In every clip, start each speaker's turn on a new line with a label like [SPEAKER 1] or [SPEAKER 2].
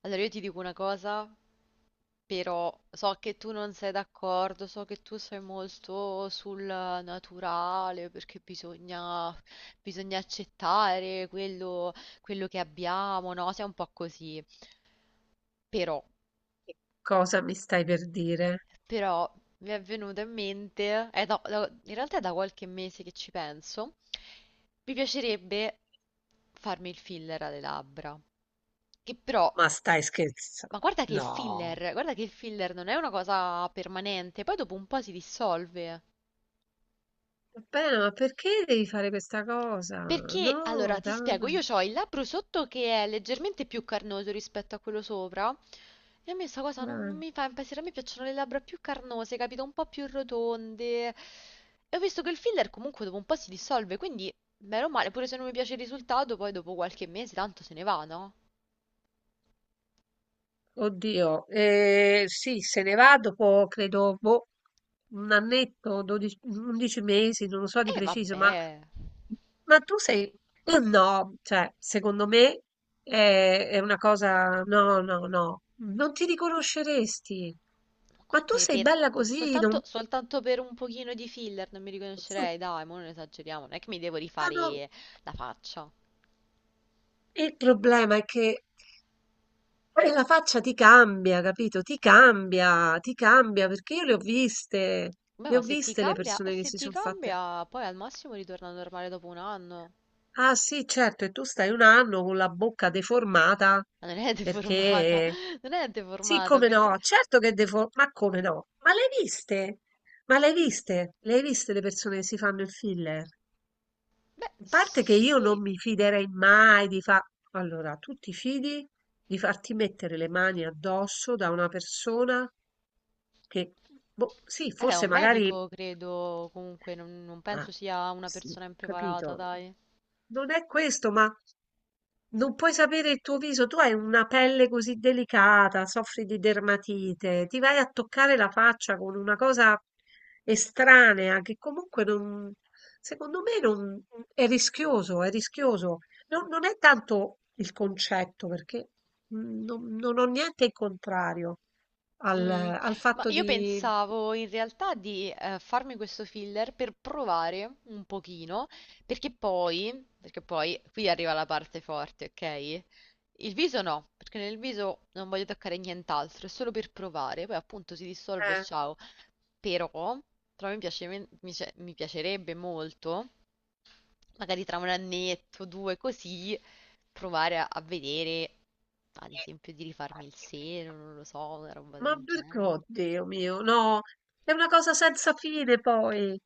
[SPEAKER 1] Allora, io ti dico una cosa, però so che tu non sei d'accordo, so che tu sei molto sul naturale, perché bisogna, bisogna accettare quello, quello che abbiamo, no? Sei un po' così. Però,
[SPEAKER 2] Cosa mi stai per dire?
[SPEAKER 1] però mi è venuto in mente, è in realtà è da qualche mese che ci penso, mi piacerebbe farmi il filler alle labbra, che però.
[SPEAKER 2] Ma stai scherza
[SPEAKER 1] Ma guarda che il
[SPEAKER 2] No.
[SPEAKER 1] filler, guarda che il filler non è una cosa permanente, poi dopo un po' si dissolve.
[SPEAKER 2] Vabbè, ma perché devi fare questa cosa?
[SPEAKER 1] Perché,
[SPEAKER 2] No,
[SPEAKER 1] allora, ti spiego,
[SPEAKER 2] dai,
[SPEAKER 1] io ho il labbro sotto che è leggermente più carnoso rispetto a quello sopra, e a me sta cosa non
[SPEAKER 2] dai.
[SPEAKER 1] mi fa impazzire, a me piacciono le labbra più carnose, capito? Un po' più rotonde. E ho visto che il filler comunque dopo un po' si dissolve, quindi, bene o male, pure se non mi piace il risultato, poi dopo qualche mese tanto se ne va, no?
[SPEAKER 2] Oddio, sì, se ne va dopo, credo, boh, un annetto, 12, 11 mesi, non lo so di
[SPEAKER 1] E
[SPEAKER 2] preciso,
[SPEAKER 1] vabbè.
[SPEAKER 2] ma tu sei... No, cioè, secondo me è una cosa... No, no, no, non ti riconosceresti. Ma
[SPEAKER 1] Qua
[SPEAKER 2] tu sei bella così,
[SPEAKER 1] soltanto,
[SPEAKER 2] non...
[SPEAKER 1] soltanto per un pochino di filler non mi
[SPEAKER 2] no,
[SPEAKER 1] riconoscerei, dai, ma non esageriamo, non è che mi devo
[SPEAKER 2] no,
[SPEAKER 1] rifare la faccia.
[SPEAKER 2] Il problema è che la faccia ti cambia, capito? Ti cambia, perché io le ho viste,
[SPEAKER 1] Beh,
[SPEAKER 2] le
[SPEAKER 1] ma
[SPEAKER 2] ho
[SPEAKER 1] se ti
[SPEAKER 2] viste le
[SPEAKER 1] cambia,
[SPEAKER 2] persone che
[SPEAKER 1] se
[SPEAKER 2] si
[SPEAKER 1] ti
[SPEAKER 2] sono fatte.
[SPEAKER 1] cambia, poi al massimo ritorna normale dopo un anno.
[SPEAKER 2] Ah sì, certo, e tu stai un anno con la bocca deformata,
[SPEAKER 1] Ma non è deformata,
[SPEAKER 2] perché...
[SPEAKER 1] non è
[SPEAKER 2] Sì,
[SPEAKER 1] deformata
[SPEAKER 2] come
[SPEAKER 1] perché,
[SPEAKER 2] no, certo che è ma come no? Ma le hai viste? Ma le hai viste? Le hai viste le persone che si fanno il filler?
[SPEAKER 1] beh,
[SPEAKER 2] In parte che io
[SPEAKER 1] sì,
[SPEAKER 2] non mi fiderei mai di fare... Allora, tu ti fidi di farti mettere le mani addosso da una persona che, boh, sì,
[SPEAKER 1] ed è
[SPEAKER 2] forse
[SPEAKER 1] un
[SPEAKER 2] magari
[SPEAKER 1] medico, credo, comunque, non penso
[SPEAKER 2] Ah,
[SPEAKER 1] sia una
[SPEAKER 2] sì,
[SPEAKER 1] persona impreparata,
[SPEAKER 2] capito.
[SPEAKER 1] dai.
[SPEAKER 2] Non è questo, ma non puoi sapere il tuo viso. Tu hai una pelle così delicata, soffri di dermatite, ti vai a toccare la faccia con una cosa estranea che comunque non, secondo me non, è rischioso, è rischioso. Non, non è tanto il concetto, perché non, non ho niente in contrario al,
[SPEAKER 1] Mm,
[SPEAKER 2] al
[SPEAKER 1] ma
[SPEAKER 2] fatto
[SPEAKER 1] io
[SPEAKER 2] di...
[SPEAKER 1] pensavo in realtà di farmi questo filler per provare un pochino, perché poi qui arriva la parte forte, ok? Il viso no, perché nel viso non voglio toccare nient'altro, è solo per provare, poi appunto si dissolve e
[SPEAKER 2] Eh.
[SPEAKER 1] ciao. Però, però mi piacerebbe molto magari tra un annetto, due, così, provare a vedere, ad esempio, di rifarmi il seno, non lo so, una roba
[SPEAKER 2] Ma
[SPEAKER 1] del
[SPEAKER 2] perché?
[SPEAKER 1] genere.
[SPEAKER 2] Oddio mio, no, è una cosa senza fine poi.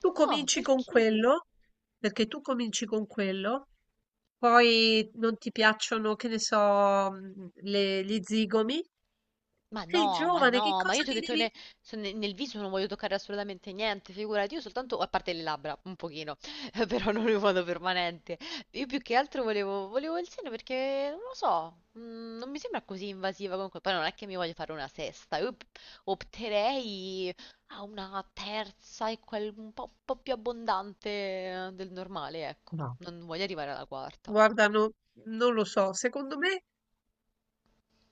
[SPEAKER 2] Tu
[SPEAKER 1] No,
[SPEAKER 2] cominci con
[SPEAKER 1] perché?
[SPEAKER 2] quello, perché tu cominci con quello, poi non ti piacciono, che ne so, gli zigomi.
[SPEAKER 1] Ma
[SPEAKER 2] Sei
[SPEAKER 1] no, ma
[SPEAKER 2] giovane, che
[SPEAKER 1] no, ma io
[SPEAKER 2] cosa
[SPEAKER 1] ti ho
[SPEAKER 2] ti
[SPEAKER 1] detto
[SPEAKER 2] devi...
[SPEAKER 1] ne- se ne- nel viso non voglio toccare assolutamente niente, figurati, io soltanto, a parte le labbra, un pochino, però non in modo permanente. Io più che altro volevo il seno perché, non lo so, non mi sembra così invasiva comunque, poi non è che mi voglio fare una sesta, opterei a una terza e quel un po' più abbondante del normale, ecco,
[SPEAKER 2] No,
[SPEAKER 1] non voglio arrivare alla quarta.
[SPEAKER 2] guarda, non lo so, secondo me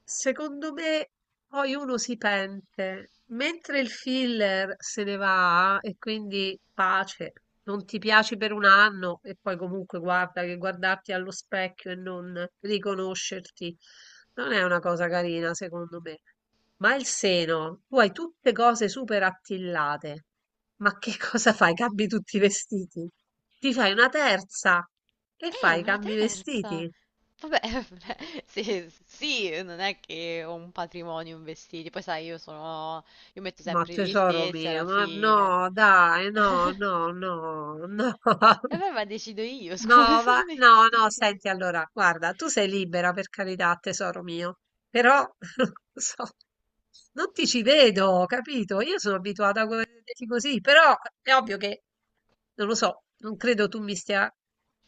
[SPEAKER 2] Secondo me poi uno si pente, mentre il filler se ne va e quindi pace, non ti piaci per un anno e poi comunque guarda che guardarti allo specchio e non riconoscerti non è una cosa carina secondo me. Ma il seno, tu hai tutte cose super attillate, ma che cosa fai? Cambi tutti i vestiti? Ti fai una terza e fai,
[SPEAKER 1] Una
[SPEAKER 2] cambi i
[SPEAKER 1] terza!
[SPEAKER 2] vestiti.
[SPEAKER 1] Vabbè, sì, sì, non è che ho un patrimonio in vestiti, poi sai, io metto
[SPEAKER 2] Ma
[SPEAKER 1] sempre gli
[SPEAKER 2] tesoro
[SPEAKER 1] stessi alla
[SPEAKER 2] mio, ma
[SPEAKER 1] fine.
[SPEAKER 2] no, dai, no, no, no, no,
[SPEAKER 1] E vabbè, ma decido io,
[SPEAKER 2] no,
[SPEAKER 1] scusami.
[SPEAKER 2] no, no, senti, allora, guarda, tu sei libera per carità, tesoro mio, però non so, non ti ci vedo, capito? Io sono abituata a vederti così, però è ovvio che, non lo so, non credo tu mi stia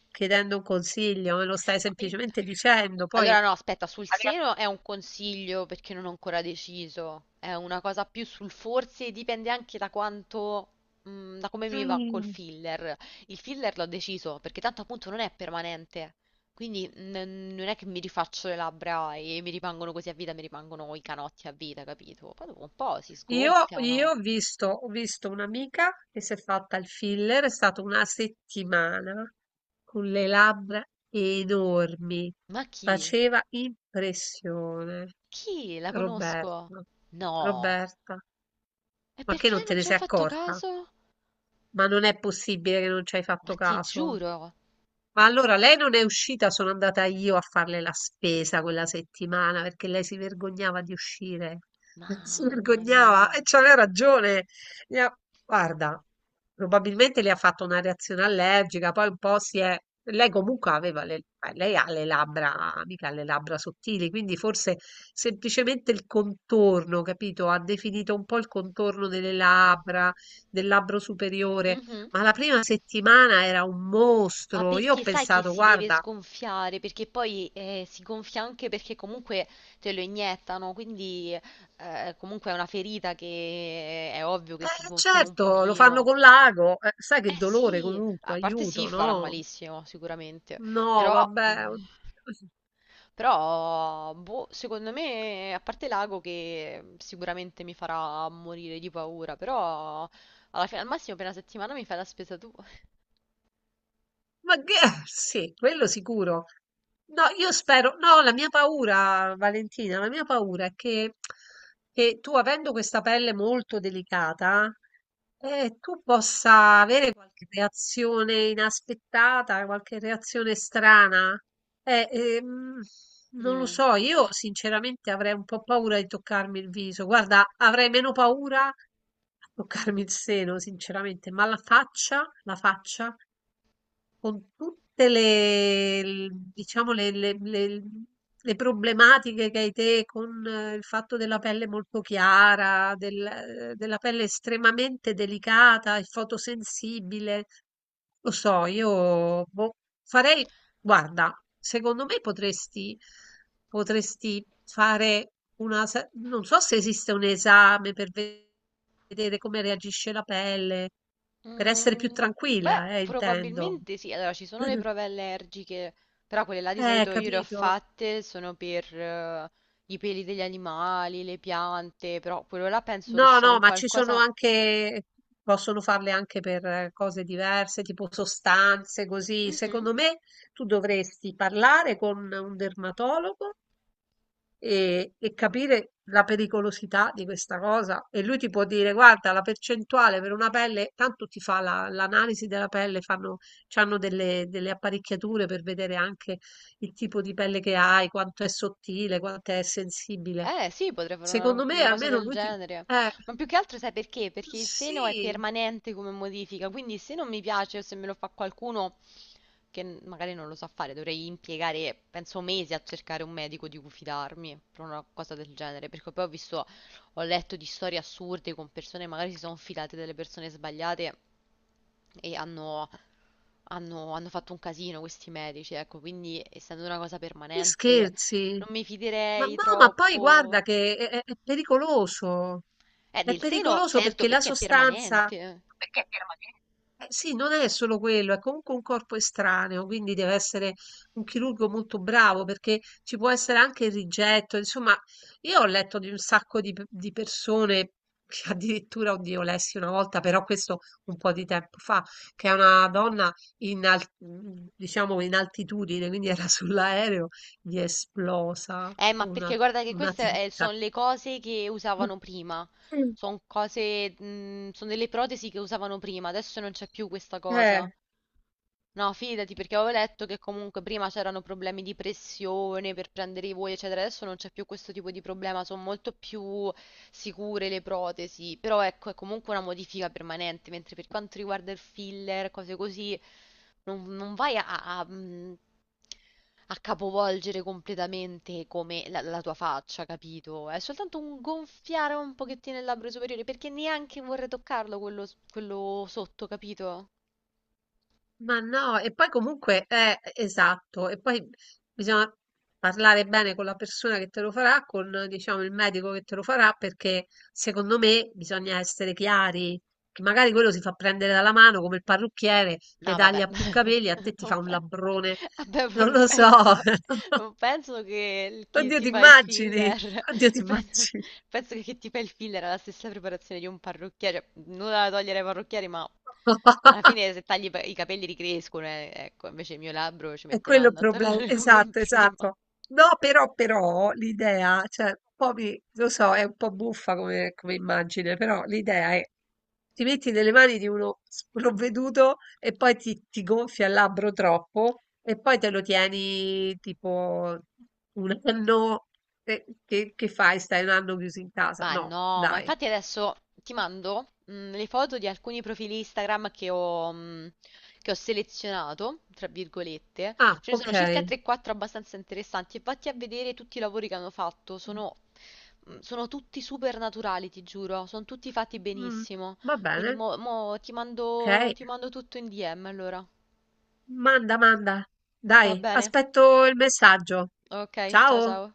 [SPEAKER 2] chiedendo un consiglio, me lo stai
[SPEAKER 1] Ma io-
[SPEAKER 2] semplicemente dicendo,
[SPEAKER 1] Allora
[SPEAKER 2] poi...
[SPEAKER 1] no, aspetta, sul seno è un consiglio perché non ho ancora deciso. È una cosa più sul forse, dipende anche da quanto, da come mi va col
[SPEAKER 2] Mm.
[SPEAKER 1] filler. Il filler l'ho deciso perché tanto appunto non è permanente. Quindi non è che mi rifaccio le labbra e mi rimangono così a vita, mi rimangono i canotti a vita, capito? Poi dopo un po' si
[SPEAKER 2] Io, io
[SPEAKER 1] sgonfiano.
[SPEAKER 2] ho visto un'amica che si è fatta il filler, è stata una settimana con le labbra enormi,
[SPEAKER 1] Ma chi?
[SPEAKER 2] faceva impressione.
[SPEAKER 1] Chi? La conosco?
[SPEAKER 2] Roberta,
[SPEAKER 1] No.
[SPEAKER 2] Roberta,
[SPEAKER 1] E
[SPEAKER 2] ma che
[SPEAKER 1] perché
[SPEAKER 2] non te
[SPEAKER 1] non
[SPEAKER 2] ne
[SPEAKER 1] ci ho
[SPEAKER 2] sei
[SPEAKER 1] fatto
[SPEAKER 2] accorta?
[SPEAKER 1] caso?
[SPEAKER 2] Ma non è possibile che non ci hai
[SPEAKER 1] Ma
[SPEAKER 2] fatto
[SPEAKER 1] ti
[SPEAKER 2] caso.
[SPEAKER 1] giuro.
[SPEAKER 2] Ma allora lei non è uscita, sono andata io a farle la spesa quella settimana perché lei si vergognava di uscire. Si
[SPEAKER 1] Mamma
[SPEAKER 2] vergognava
[SPEAKER 1] mia.
[SPEAKER 2] e c'aveva ragione. Le ha- Guarda, probabilmente le ha fatto una reazione allergica, poi un po' si è... Lei comunque aveva le... Lei ha le labbra, mica le labbra sottili, quindi forse semplicemente il contorno, capito? Ha definito un po' il contorno delle labbra, del labbro superiore.
[SPEAKER 1] Mhm.
[SPEAKER 2] Ma la prima settimana era un
[SPEAKER 1] Ma
[SPEAKER 2] mostro. Io ho
[SPEAKER 1] perché sai che
[SPEAKER 2] pensato,
[SPEAKER 1] si deve
[SPEAKER 2] guarda,
[SPEAKER 1] sgonfiare? Perché poi si gonfia anche perché comunque te lo iniettano, quindi comunque è una ferita che è ovvio che si gonfino un
[SPEAKER 2] certo, lo fanno
[SPEAKER 1] pochino.
[SPEAKER 2] con l'ago. Sai che
[SPEAKER 1] Eh
[SPEAKER 2] dolore
[SPEAKER 1] sì, a
[SPEAKER 2] comunque,
[SPEAKER 1] parte sì,
[SPEAKER 2] aiuto,
[SPEAKER 1] farà
[SPEAKER 2] no?
[SPEAKER 1] malissimo sicuramente,
[SPEAKER 2] No,
[SPEAKER 1] però,
[SPEAKER 2] vabbè.
[SPEAKER 1] mm,
[SPEAKER 2] Oddio.
[SPEAKER 1] però boh, secondo me, a parte l'ago che sicuramente mi farà morire di paura, però alla fine, al massimo per una settimana mi fai la spesa tu.
[SPEAKER 2] Ma che sì, quello sicuro. No, io spero, no, la mia paura, Valentina, la mia paura è che tu, avendo questa pelle molto delicata, tu possa avere qualche reazione inaspettata, qualche reazione strana. Eh, ehm, non lo
[SPEAKER 1] Mm.
[SPEAKER 2] so, io sinceramente avrei un po' paura di toccarmi il viso. Guarda, avrei meno paura a toccarmi il seno, sinceramente, ma la faccia con tutte diciamo, le problematiche che hai te con il fatto della pelle molto chiara, della pelle estremamente delicata e fotosensibile. Lo so, io boh, farei, guarda, secondo me potresti, potresti fare una, non so se esiste un esame per vedere vedere come reagisce la pelle, per essere più
[SPEAKER 1] Mm, beh,
[SPEAKER 2] tranquilla, intendo.
[SPEAKER 1] probabilmente sì. Allora, ci sono le prove allergiche, però quelle là di solito io le ho
[SPEAKER 2] Capito?
[SPEAKER 1] fatte, sono per i peli degli animali, le piante, però quello là penso che
[SPEAKER 2] No,
[SPEAKER 1] sia
[SPEAKER 2] no,
[SPEAKER 1] un
[SPEAKER 2] ma ci sono
[SPEAKER 1] qualcosa...
[SPEAKER 2] anche, possono farle anche per cose diverse, tipo sostanze, così.
[SPEAKER 1] Mhm.
[SPEAKER 2] Secondo me tu dovresti parlare con un dermatologo e capire la pericolosità di questa cosa. E lui ti può dire: guarda, la percentuale per una pelle, tanto ti fa l'analisi della pelle, fanno, c'hanno delle, delle apparecchiature per vedere anche il tipo di pelle che hai, quanto è sottile, quanto è sensibile.
[SPEAKER 1] Eh sì, potrei fare
[SPEAKER 2] Secondo me,
[SPEAKER 1] una cosa
[SPEAKER 2] almeno
[SPEAKER 1] del
[SPEAKER 2] lui ti...
[SPEAKER 1] genere.
[SPEAKER 2] Eh,
[SPEAKER 1] Ma più che altro sai perché? Perché il seno è
[SPEAKER 2] sì,
[SPEAKER 1] permanente come modifica, quindi se non mi piace o se me lo fa qualcuno, che magari non lo so fare, dovrei impiegare, penso, mesi a cercare un medico di cui fidarmi per una cosa del genere, perché poi ho visto, ho letto di storie assurde con persone, magari si sono filate delle persone sbagliate e hanno fatto un casino questi medici, ecco, quindi essendo una cosa
[SPEAKER 2] Mi
[SPEAKER 1] permanente
[SPEAKER 2] scherzi?
[SPEAKER 1] non mi
[SPEAKER 2] Ma no,
[SPEAKER 1] fiderei
[SPEAKER 2] ma poi
[SPEAKER 1] troppo.
[SPEAKER 2] guarda che è, è pericoloso. È
[SPEAKER 1] Del seno,
[SPEAKER 2] pericoloso
[SPEAKER 1] certo,
[SPEAKER 2] perché la
[SPEAKER 1] perché è
[SPEAKER 2] sostanza,
[SPEAKER 1] permanente.
[SPEAKER 2] Perché è permanente? Eh, sì, non è solo quello, è comunque un corpo estraneo, quindi deve essere un chirurgo molto bravo perché ci può essere anche il rigetto. Insomma, io ho letto di un sacco di, di persone che addirittura, oddio, lessi una volta, però questo un po' di tempo fa, che è una donna in, diciamo, in altitudine, quindi era sull'aereo gli è esplosa
[SPEAKER 1] Ma perché guarda che
[SPEAKER 2] una
[SPEAKER 1] queste sono
[SPEAKER 2] testa.
[SPEAKER 1] le cose che usavano prima.
[SPEAKER 2] Mm.
[SPEAKER 1] Sono cose, sono delle protesi che usavano prima, adesso non c'è più questa cosa.
[SPEAKER 2] Eh,
[SPEAKER 1] No, fidati perché avevo letto che comunque prima c'erano problemi di pressione per prendere i voli, eccetera. Adesso non c'è più questo tipo di problema, sono molto più sicure le protesi. Però ecco, è comunque una modifica permanente, mentre per quanto riguarda il filler, cose così, non vai a, a capovolgere completamente come la tua faccia, capito? È soltanto un gonfiare un pochettino il labbro superiore, perché neanche vorrei toccarlo quello, quello sotto, capito?
[SPEAKER 2] ma no, e poi comunque è esatto, e poi bisogna parlare bene con la persona che te lo farà, con diciamo il medico che te lo farà, perché secondo me bisogna essere chiari, che magari quello si fa prendere dalla mano come il parrucchiere, le
[SPEAKER 1] No, vabbè.
[SPEAKER 2] taglia più capelli, a te ti
[SPEAKER 1] Non
[SPEAKER 2] fa un
[SPEAKER 1] pe-
[SPEAKER 2] labbrone,
[SPEAKER 1] Vabbè, ma
[SPEAKER 2] non
[SPEAKER 1] non
[SPEAKER 2] lo so,
[SPEAKER 1] penso, chi
[SPEAKER 2] oddio
[SPEAKER 1] ti
[SPEAKER 2] ti
[SPEAKER 1] fa il
[SPEAKER 2] immagini,
[SPEAKER 1] filler,
[SPEAKER 2] oddio ti
[SPEAKER 1] penso,
[SPEAKER 2] immagini.
[SPEAKER 1] penso che chi ti fa il filler ha la stessa preparazione di un parrucchiere, cioè, nulla da togliere ai parrucchieri, ma alla fine se tagli i capelli ricrescono, ecco, invece il mio labbro ci
[SPEAKER 2] È
[SPEAKER 1] mette un
[SPEAKER 2] quello il
[SPEAKER 1] anno a
[SPEAKER 2] problema,
[SPEAKER 1] tornare come
[SPEAKER 2] esatto,
[SPEAKER 1] prima.
[SPEAKER 2] esatto. No, però, però l'idea, cioè, un po' lo so, è un po' buffa come, come immagine, però l'idea è ti metti nelle mani di uno sprovveduto e poi ti gonfia il labbro troppo e poi te lo tieni tipo un anno. E che fai? Stai un anno chiuso in casa?
[SPEAKER 1] Ma
[SPEAKER 2] No,
[SPEAKER 1] no, ma
[SPEAKER 2] dai.
[SPEAKER 1] infatti adesso ti mando le foto di alcuni profili Instagram che ho, che ho selezionato, tra virgolette.
[SPEAKER 2] Ah,
[SPEAKER 1] Ce ne sono
[SPEAKER 2] ok.
[SPEAKER 1] circa 3-4 abbastanza interessanti e vatti a vedere tutti i lavori che hanno fatto. Sono, sono tutti super naturali, ti giuro. Sono tutti fatti
[SPEAKER 2] Mm,
[SPEAKER 1] benissimo.
[SPEAKER 2] va
[SPEAKER 1] Quindi
[SPEAKER 2] bene,
[SPEAKER 1] mo
[SPEAKER 2] ok.
[SPEAKER 1] ti mando tutto in DM allora.
[SPEAKER 2] Manda, manda.
[SPEAKER 1] Va
[SPEAKER 2] Dai,
[SPEAKER 1] bene?
[SPEAKER 2] aspetto il messaggio.
[SPEAKER 1] Ok, ciao
[SPEAKER 2] Ciao!
[SPEAKER 1] ciao.